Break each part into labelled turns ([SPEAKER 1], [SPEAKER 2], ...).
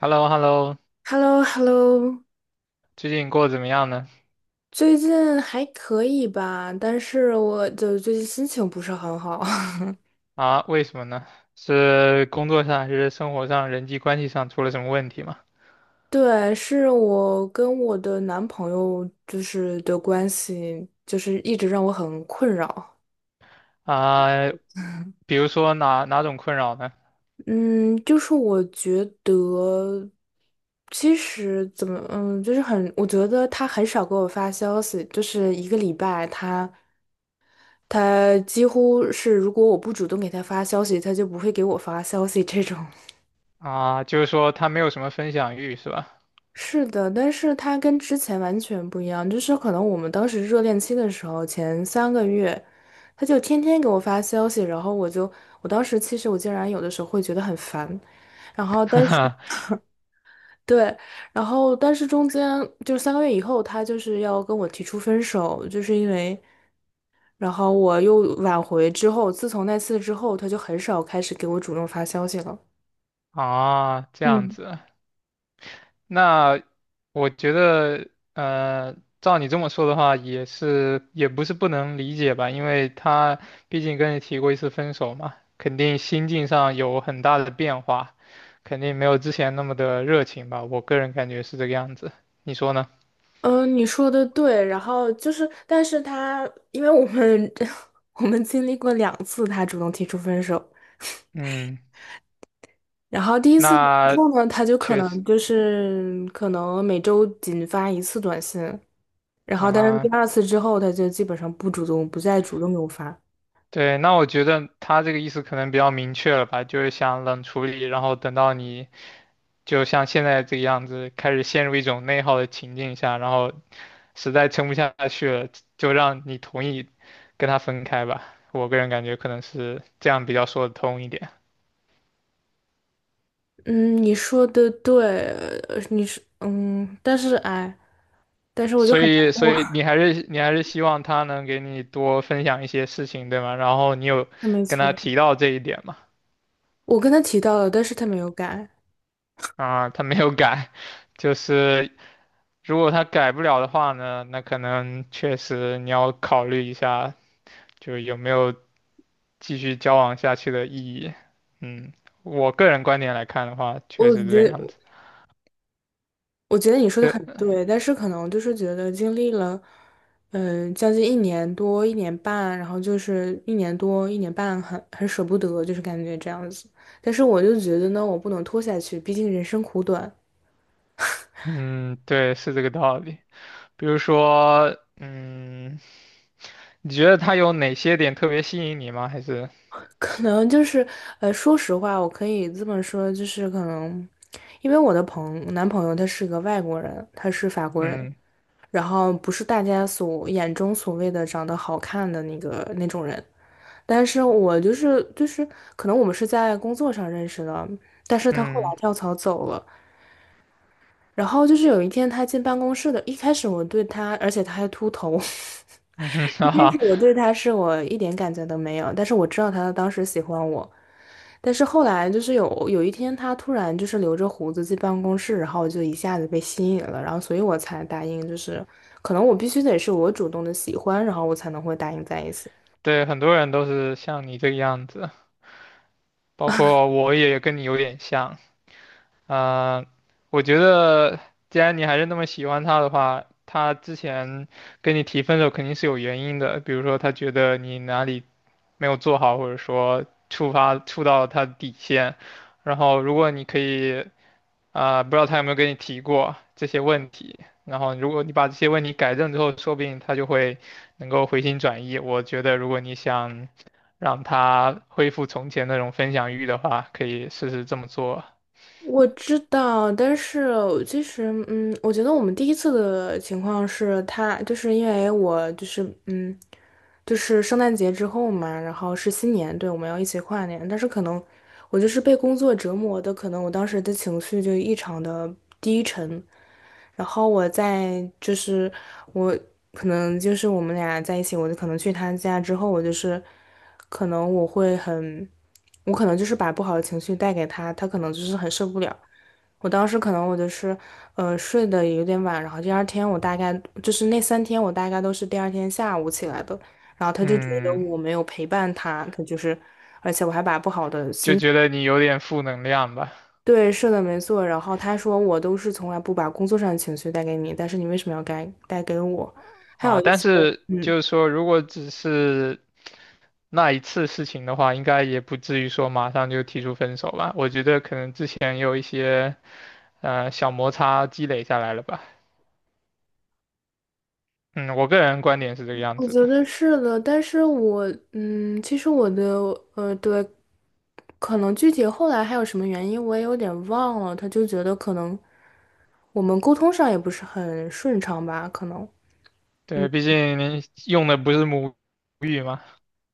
[SPEAKER 1] h e l l o h e l l o
[SPEAKER 2] h e l l o h e l l o。
[SPEAKER 1] 最近过得怎么样呢？
[SPEAKER 2] 最近还可以吧，但是我的最近心情不是很好。
[SPEAKER 1] 啊，为什么呢？是工作上还是生活上、人际关系上出了什么问题吗？
[SPEAKER 2] 对，是我跟我的男朋友就是的关系，就是一直让我很困扰。
[SPEAKER 1] 啊，比如说哪种困扰呢？
[SPEAKER 2] 嗯，就是我觉得，其实怎么，就是很，我觉得他很少给我发消息，就是一个礼拜他几乎是如果我不主动给他发消息，他就不会给我发消息这种。
[SPEAKER 1] 啊，就是说他没有什么分享欲是吧？
[SPEAKER 2] 是的，但是他跟之前完全不一样，就是可能我们当时热恋期的时候，前三个月，他就天天给我发消息，然后我当时其实我竟然有的时候会觉得很烦，然 后
[SPEAKER 1] 哈
[SPEAKER 2] 但是
[SPEAKER 1] 哈，
[SPEAKER 2] 对，然后但是中间就是三个月以后，他就是要跟我提出分手，就是因为，然后我又挽回之后，自从那次之后，他就很少开始给我主动发消息了。
[SPEAKER 1] 啊，这样
[SPEAKER 2] 嗯。
[SPEAKER 1] 子，那我觉得，呃，照你这么说的话，也不是不能理解吧，因为他毕竟跟你提过一次分手嘛，肯定心境上有很大的变化，肯定没有之前那么的热情吧，我个人感觉是这个样子，你说呢？
[SPEAKER 2] 嗯，你说的对，然后就是，但是他，因为我们 我们经历过两次他主动提出分手，
[SPEAKER 1] 嗯，
[SPEAKER 2] 然后第一次之
[SPEAKER 1] 那
[SPEAKER 2] 后呢，他就可
[SPEAKER 1] 确
[SPEAKER 2] 能
[SPEAKER 1] 实
[SPEAKER 2] 就是可能每周仅发一次短信，然后但是第
[SPEAKER 1] 啊，
[SPEAKER 2] 二次之后，他就基本上不主动，不再主动给我发。
[SPEAKER 1] 对，那我觉得他这个意思可能比较明确了吧，就是想冷处理，然后等到你就像现在这个样子，开始陷入一种内耗的情境下，然后实在撑不下去了，就让你同意跟他分开吧。我个人感觉可能是这样比较说得通一点。
[SPEAKER 2] 嗯，你说的对，你是嗯，但是哎，但是我就
[SPEAKER 1] 所
[SPEAKER 2] 很
[SPEAKER 1] 以，
[SPEAKER 2] 难
[SPEAKER 1] 所
[SPEAKER 2] 过。
[SPEAKER 1] 以你还是希望他能给你多分享一些事情，对吗？然后你有
[SPEAKER 2] 没
[SPEAKER 1] 跟他
[SPEAKER 2] 错，
[SPEAKER 1] 提到这一点嘛？
[SPEAKER 2] 我跟他提到了，但是他没有改，
[SPEAKER 1] 啊，他没有改，就是如果他改不了的话呢，那可能确实你要考虑一下，就有没有继续交往下去的意义。嗯，我个人观点来看的话，确
[SPEAKER 2] 我
[SPEAKER 1] 实是这个
[SPEAKER 2] 觉
[SPEAKER 1] 样
[SPEAKER 2] 得。
[SPEAKER 1] 子。
[SPEAKER 2] 我觉得你说的
[SPEAKER 1] 对，
[SPEAKER 2] 很对，但是可能就是觉得经历了，将近一年多、一年半，然后就是一年多、一年半很，很舍不得，就是感觉这样子。但是我就觉得呢，我不能拖下去，毕竟人生苦短。
[SPEAKER 1] 嗯，对，是这个道理。比如说，嗯，你觉得他有哪些点特别吸引你吗？还是，
[SPEAKER 2] 可能就是，说实话，我可以这么说，就是可能，因为我的男朋友他是个外国人，他是法国人，
[SPEAKER 1] 嗯
[SPEAKER 2] 然后不是大家所眼中所谓的长得好看的那个那种人。但是我就是，可能我们是在工作上认识的，但是他后来
[SPEAKER 1] 嗯
[SPEAKER 2] 跳槽走了。然后就是有一天他进办公室的，一开始我对他，而且他还秃头。
[SPEAKER 1] 嗯哼
[SPEAKER 2] 一
[SPEAKER 1] 哈
[SPEAKER 2] 开始
[SPEAKER 1] 哈，
[SPEAKER 2] 我对他是我一点感觉都没有，但是我知道他当时喜欢我。但是后来就是有一天他突然就是留着胡子进办公室，然后我就一下子被吸引了，然后所以我才答应，就是可能我必须得是我主动的喜欢，然后我才能会答应在一起。
[SPEAKER 1] 对，很多人都是像你这个样子，包括我也跟你有点像。呃，我觉得既然你还是那么喜欢他的话，他之前跟你提分手肯定是有原因的，比如说他觉得你哪里没有做好，或者说触到他的底线。然后如果你可以啊、不知道他有没有跟你提过这些问题，然后如果你把这些问题改正之后，说不定他就会能够回心转意。我觉得如果你想让他恢复从前那种分享欲的话，可以试试这么做。
[SPEAKER 2] 我知道，但是其实，我觉得我们第一次的情况是他，就是因为我就是，就是圣诞节之后嘛，然后是新年，对，我们要一起跨年，但是可能我就是被工作折磨的，可能我当时的情绪就异常的低沉，然后我在就是我可能就是我们俩在一起，我就可能去他家之后，我就是可能我会很。我可能就是把不好的情绪带给他，他可能就是很受不了。我当时可能我就是，睡得有点晚，然后第二天我大概就是那三天我大概都是第二天下午起来的，然后他就觉得
[SPEAKER 1] 嗯，
[SPEAKER 2] 我没有陪伴他，他就是，而且我还把不好的
[SPEAKER 1] 就
[SPEAKER 2] 心，
[SPEAKER 1] 觉得你有点负能量吧。
[SPEAKER 2] 对，是的，没错。然后他说我都是从来不把工作上的情绪带给你，但是你为什么要该带给我？还有
[SPEAKER 1] 啊，
[SPEAKER 2] 一
[SPEAKER 1] 但
[SPEAKER 2] 些，
[SPEAKER 1] 是
[SPEAKER 2] 嗯。
[SPEAKER 1] 就是说，如果只是那一次事情的话，应该也不至于说马上就提出分手吧。我觉得可能之前有一些小摩擦积累下来了吧。嗯，我个人观点是这个样
[SPEAKER 2] 我
[SPEAKER 1] 子
[SPEAKER 2] 觉
[SPEAKER 1] 的。
[SPEAKER 2] 得是的，但是我嗯，其实我的对，可能具体后来还有什么原因，我也有点忘了。他就觉得可能我们沟通上也不是很顺畅吧，可能。
[SPEAKER 1] 对，毕竟您用的不是母语嘛。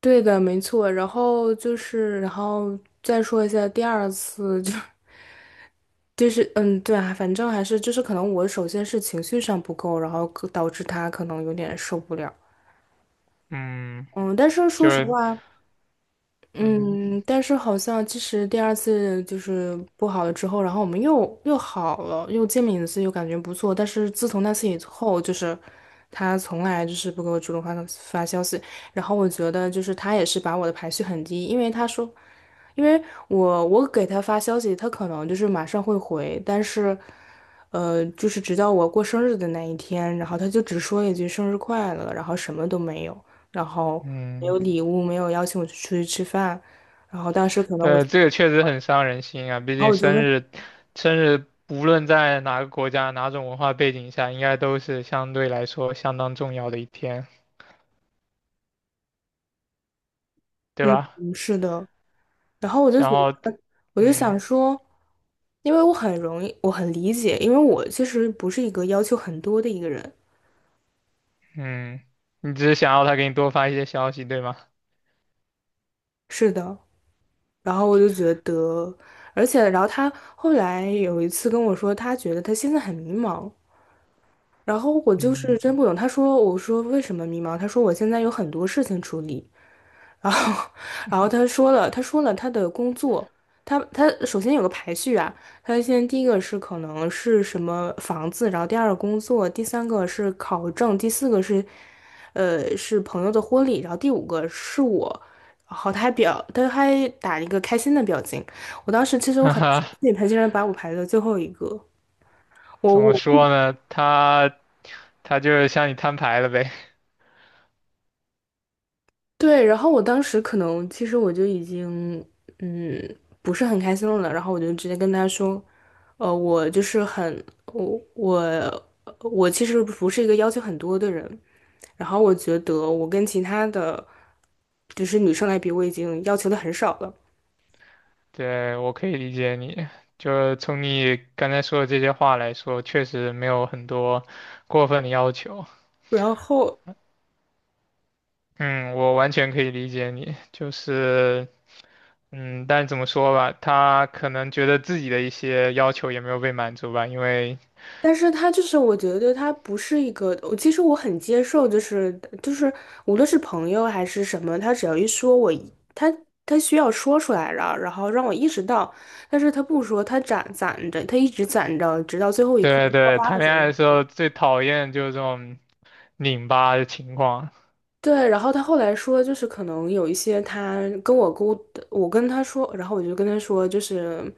[SPEAKER 2] 对的，没错。然后就是，然后再说一下第二次，就是，对啊，反正还是就是可能我首先是情绪上不够，然后可导致他可能有点受不了。
[SPEAKER 1] 嗯，
[SPEAKER 2] 嗯，但是说
[SPEAKER 1] 就
[SPEAKER 2] 实话。
[SPEAKER 1] 嗯
[SPEAKER 2] 嗯，但是好像其实第二次就是不好了之后，然后我们又好了，又见面一次，又感觉不错。但是自从那次以后，就是他从来就是不给我主动发消息，然后我觉得就是他也是把我的排序很低，因为他说，因为我给他发消息，他可能就是马上会回，但是就是直到我过生日的那一天，然后他就只说一句生日快乐，然后什么都没有。然后没
[SPEAKER 1] 嗯。
[SPEAKER 2] 有礼物，没有邀请我去出去吃饭，然后当时可能我，
[SPEAKER 1] 对，
[SPEAKER 2] 然
[SPEAKER 1] 这个确实很伤人心啊，毕
[SPEAKER 2] 后
[SPEAKER 1] 竟
[SPEAKER 2] 我就
[SPEAKER 1] 生
[SPEAKER 2] 问，
[SPEAKER 1] 日，生日无论在哪个国家、哪种文化背景下，应该都是相对来说相当重要的一天，对
[SPEAKER 2] 嗯，
[SPEAKER 1] 吧？
[SPEAKER 2] 嗯是的，然后我就
[SPEAKER 1] 然
[SPEAKER 2] 觉得，
[SPEAKER 1] 后，
[SPEAKER 2] 我就
[SPEAKER 1] 嗯
[SPEAKER 2] 想说，因为我很容易，我很理解，因为我其实不是一个要求很多的一个人，
[SPEAKER 1] 嗯，你只是想要他给你多发一些消息，对吗？
[SPEAKER 2] 是的，然后我就觉得，而且然后他后来有一次跟我说，他觉得他现在很迷茫。然后我就是
[SPEAKER 1] 嗯，
[SPEAKER 2] 真不懂，他说，我说为什么迷茫？他说我现在有很多事情处理，然后，然后他说了，他说了他的工作，他首先有个排序啊，他先第一个是可能是什么房子，然后第二个工作，第三个是考证，第四个是，是朋友的婚礼，然后第五个是我，然后他还表，他还打了一个开心的表情，我当时其实我
[SPEAKER 1] 哈
[SPEAKER 2] 很生
[SPEAKER 1] 哈，
[SPEAKER 2] 气，他竟然把我排在最后一个，我
[SPEAKER 1] 怎么
[SPEAKER 2] 我
[SPEAKER 1] 说呢？他就是向你摊牌了呗。
[SPEAKER 2] 对。然后我当时可能其实我就已经嗯不是很开心了，然后我就直接跟他说，我就是很我其实不是一个要求很多的人，然后我觉得我跟其他的就是女生来比，我已经要求的很少了，
[SPEAKER 1] 对，我可以理解你。就是从你刚才说的这些话来说，确实没有很多过分的要求。
[SPEAKER 2] 然后。
[SPEAKER 1] 嗯，我完全可以理解你，就是，嗯，但怎么说吧，他可能觉得自己的一些要求也没有被满足吧，因为，
[SPEAKER 2] 但是他就是，我觉得他不是一个，我其实我很接受，就是就是，无论是朋友还是什么，他只要一说我一他需要说出来了，然后让我意识到，但是他不说，他攒着，他一直攒着，直到最后一刻
[SPEAKER 1] 对
[SPEAKER 2] 爆
[SPEAKER 1] 对，
[SPEAKER 2] 发
[SPEAKER 1] 谈
[SPEAKER 2] 的时
[SPEAKER 1] 恋
[SPEAKER 2] 候
[SPEAKER 1] 爱的时
[SPEAKER 2] 说
[SPEAKER 1] 候最讨厌就是这种拧巴的情况，
[SPEAKER 2] 对，然后他后来说，就是可能有一些他跟我沟，我跟他说，然后我就跟他说，就是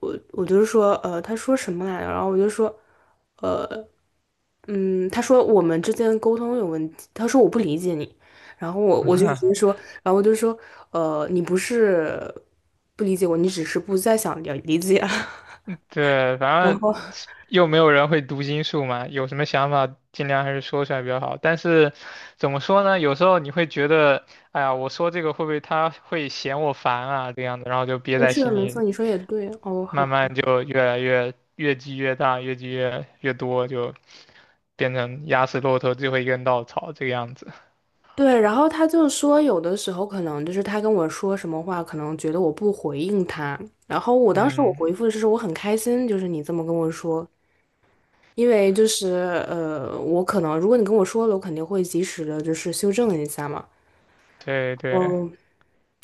[SPEAKER 2] 我就是说，他说什么来着？然后我就说。呃。他说我们之间沟通有问题，他说我不理解你，然后我就直接说，然后我就说，你不是不理解我，你只是不再想了理解。
[SPEAKER 1] 对，
[SPEAKER 2] 然
[SPEAKER 1] 反
[SPEAKER 2] 后
[SPEAKER 1] 正又没有人会读心术嘛，有什么想法尽量还是说出来比较好。但是怎么说呢，有时候你会觉得，哎呀，我说这个会不会他会嫌我烦啊，这样的，然后就憋
[SPEAKER 2] 嗯，
[SPEAKER 1] 在
[SPEAKER 2] 是的，
[SPEAKER 1] 心
[SPEAKER 2] 没
[SPEAKER 1] 里，
[SPEAKER 2] 错，你说也对，哦，好，
[SPEAKER 1] 慢慢就越积越大，越积越多，就变成压死骆驼最后一根稻草这个样子。
[SPEAKER 2] 对，然后他就说有的时候可能就是他跟我说什么话，可能觉得我不回应他，然后我当时我
[SPEAKER 1] 嗯，
[SPEAKER 2] 回复的是说我很开心，就是你这么跟我说。因为就是我可能如果你跟我说了，我肯定会及时的，就是修正一下嘛。
[SPEAKER 1] 对对
[SPEAKER 2] 嗯。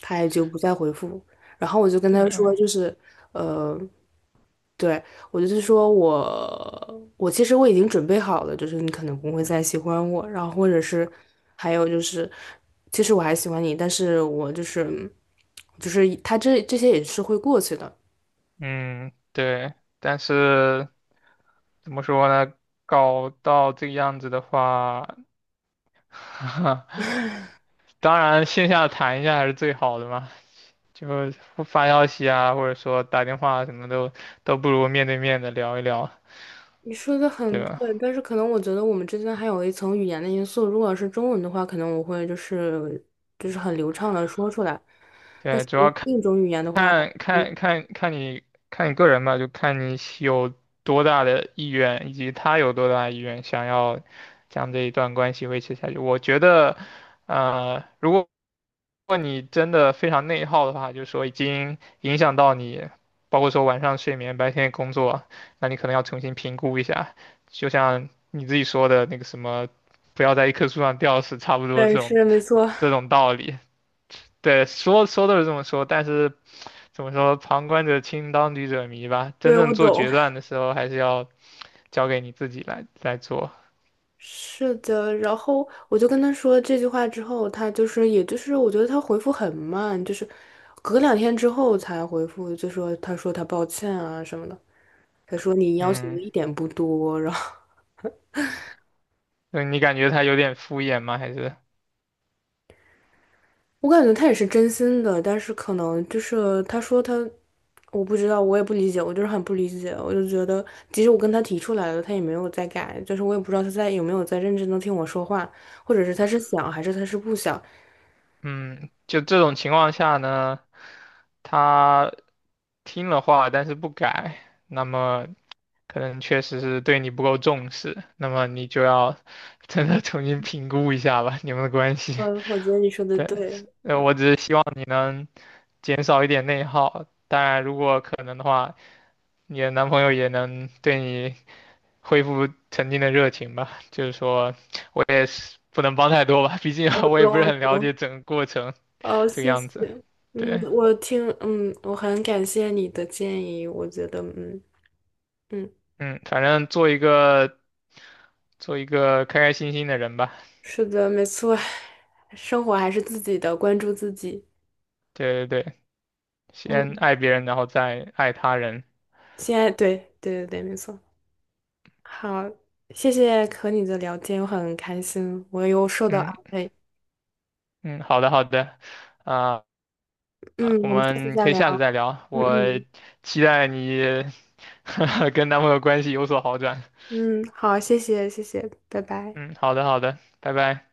[SPEAKER 2] 他也就不再回复。然后我就跟他
[SPEAKER 1] 对，
[SPEAKER 2] 说，就是对我就是说我其实我已经准备好了，就是你可能不会再喜欢我，然后或者是还有就是，其实我还喜欢你，但是我就是他这些也是会过去的。
[SPEAKER 1] 嗯对，但是怎么说呢？搞到这个样子的话，当然线下谈一下还是最好的嘛，就发消息啊，或者说打电话什么都不如面对面的聊一聊，
[SPEAKER 2] 你说的
[SPEAKER 1] 对
[SPEAKER 2] 很
[SPEAKER 1] 吧？
[SPEAKER 2] 对，但是可能我觉得我们之间还有一层语言的因素。如果是中文的话，可能我会就是很流畅的说出来，但
[SPEAKER 1] 对，
[SPEAKER 2] 是
[SPEAKER 1] 主
[SPEAKER 2] 我
[SPEAKER 1] 要
[SPEAKER 2] 用
[SPEAKER 1] 看。
[SPEAKER 2] 另一种语言的话，
[SPEAKER 1] 看
[SPEAKER 2] 嗯，
[SPEAKER 1] 看看看你看你个人吧，就看你有多大的意愿，以及他有多大的意愿想要将这一段关系维持下去。我觉得，呃，如果如果你真的非常内耗的话，就是说已经影响到你，包括说晚上睡眠、白天工作，那你可能要重新评估一下。就像你自己说的那个什么，不要在一棵树上吊死，差不多
[SPEAKER 2] 对，
[SPEAKER 1] 这种
[SPEAKER 2] 是没错，
[SPEAKER 1] 这种道理。对，说说都是这么说，但是。怎么说，旁观者清，当局者迷吧。真
[SPEAKER 2] 对，
[SPEAKER 1] 正
[SPEAKER 2] 我
[SPEAKER 1] 做
[SPEAKER 2] 懂。
[SPEAKER 1] 决断的时候，还是要交给你自己来做。
[SPEAKER 2] 是的，然后我就跟他说这句话之后，他就是，也就是我觉得他回复很慢，就是隔两天之后才回复，就说他说他抱歉啊什么的，他说你要求的
[SPEAKER 1] 嗯，
[SPEAKER 2] 一点不多，然后
[SPEAKER 1] 那你感觉他有点敷衍吗？还是，
[SPEAKER 2] 我感觉他也是真心的，但是可能就是他说他，我不知道，我也不理解，我就是很不理解，我就觉得即使我跟他提出来了，他也没有在改，就是我也不知道他在有没有在认真的听我说话，或者是他是想还是他是不想，
[SPEAKER 1] 嗯，就这种情况下呢，他听了话，但是不改，那么可能确实是对你不够重视，那么你就要真的重新评估一下吧，你们的关系。
[SPEAKER 2] 嗯，我觉得你说 的
[SPEAKER 1] 对，
[SPEAKER 2] 对。
[SPEAKER 1] 我只是希望你能减少一点内耗，当然如果可能的话。你的男朋友也能对你恢复曾经的热情吧。就是说，我也是不能帮太多吧，毕竟
[SPEAKER 2] 我
[SPEAKER 1] 我也
[SPEAKER 2] 懂，
[SPEAKER 1] 不是
[SPEAKER 2] 我
[SPEAKER 1] 很了
[SPEAKER 2] 懂。
[SPEAKER 1] 解整个过程
[SPEAKER 2] 哦，
[SPEAKER 1] 这个
[SPEAKER 2] 谢
[SPEAKER 1] 样
[SPEAKER 2] 谢。
[SPEAKER 1] 子。
[SPEAKER 2] 嗯，
[SPEAKER 1] 对，
[SPEAKER 2] 我听，我很感谢你的建议。我觉得，嗯嗯，
[SPEAKER 1] 嗯，反正做一个开开心心的人吧。
[SPEAKER 2] 是的，没错，生活还是自己的，关注自己。
[SPEAKER 1] 对对对，先
[SPEAKER 2] 嗯，
[SPEAKER 1] 爱别人，然后再爱他人。
[SPEAKER 2] 现在对对对对，没错。好，谢谢和你的聊天，我很开心，我又受到
[SPEAKER 1] 嗯
[SPEAKER 2] 安慰。
[SPEAKER 1] 嗯，好的好的，啊、啊，
[SPEAKER 2] 嗯，
[SPEAKER 1] 我
[SPEAKER 2] 我们下次
[SPEAKER 1] 们
[SPEAKER 2] 再
[SPEAKER 1] 可以
[SPEAKER 2] 聊。
[SPEAKER 1] 下次再聊。
[SPEAKER 2] 嗯
[SPEAKER 1] 我
[SPEAKER 2] 嗯
[SPEAKER 1] 期待你 跟男朋友关系有所好转。
[SPEAKER 2] 嗯，好，谢谢谢谢，拜拜。
[SPEAKER 1] 嗯，好的好的，拜拜。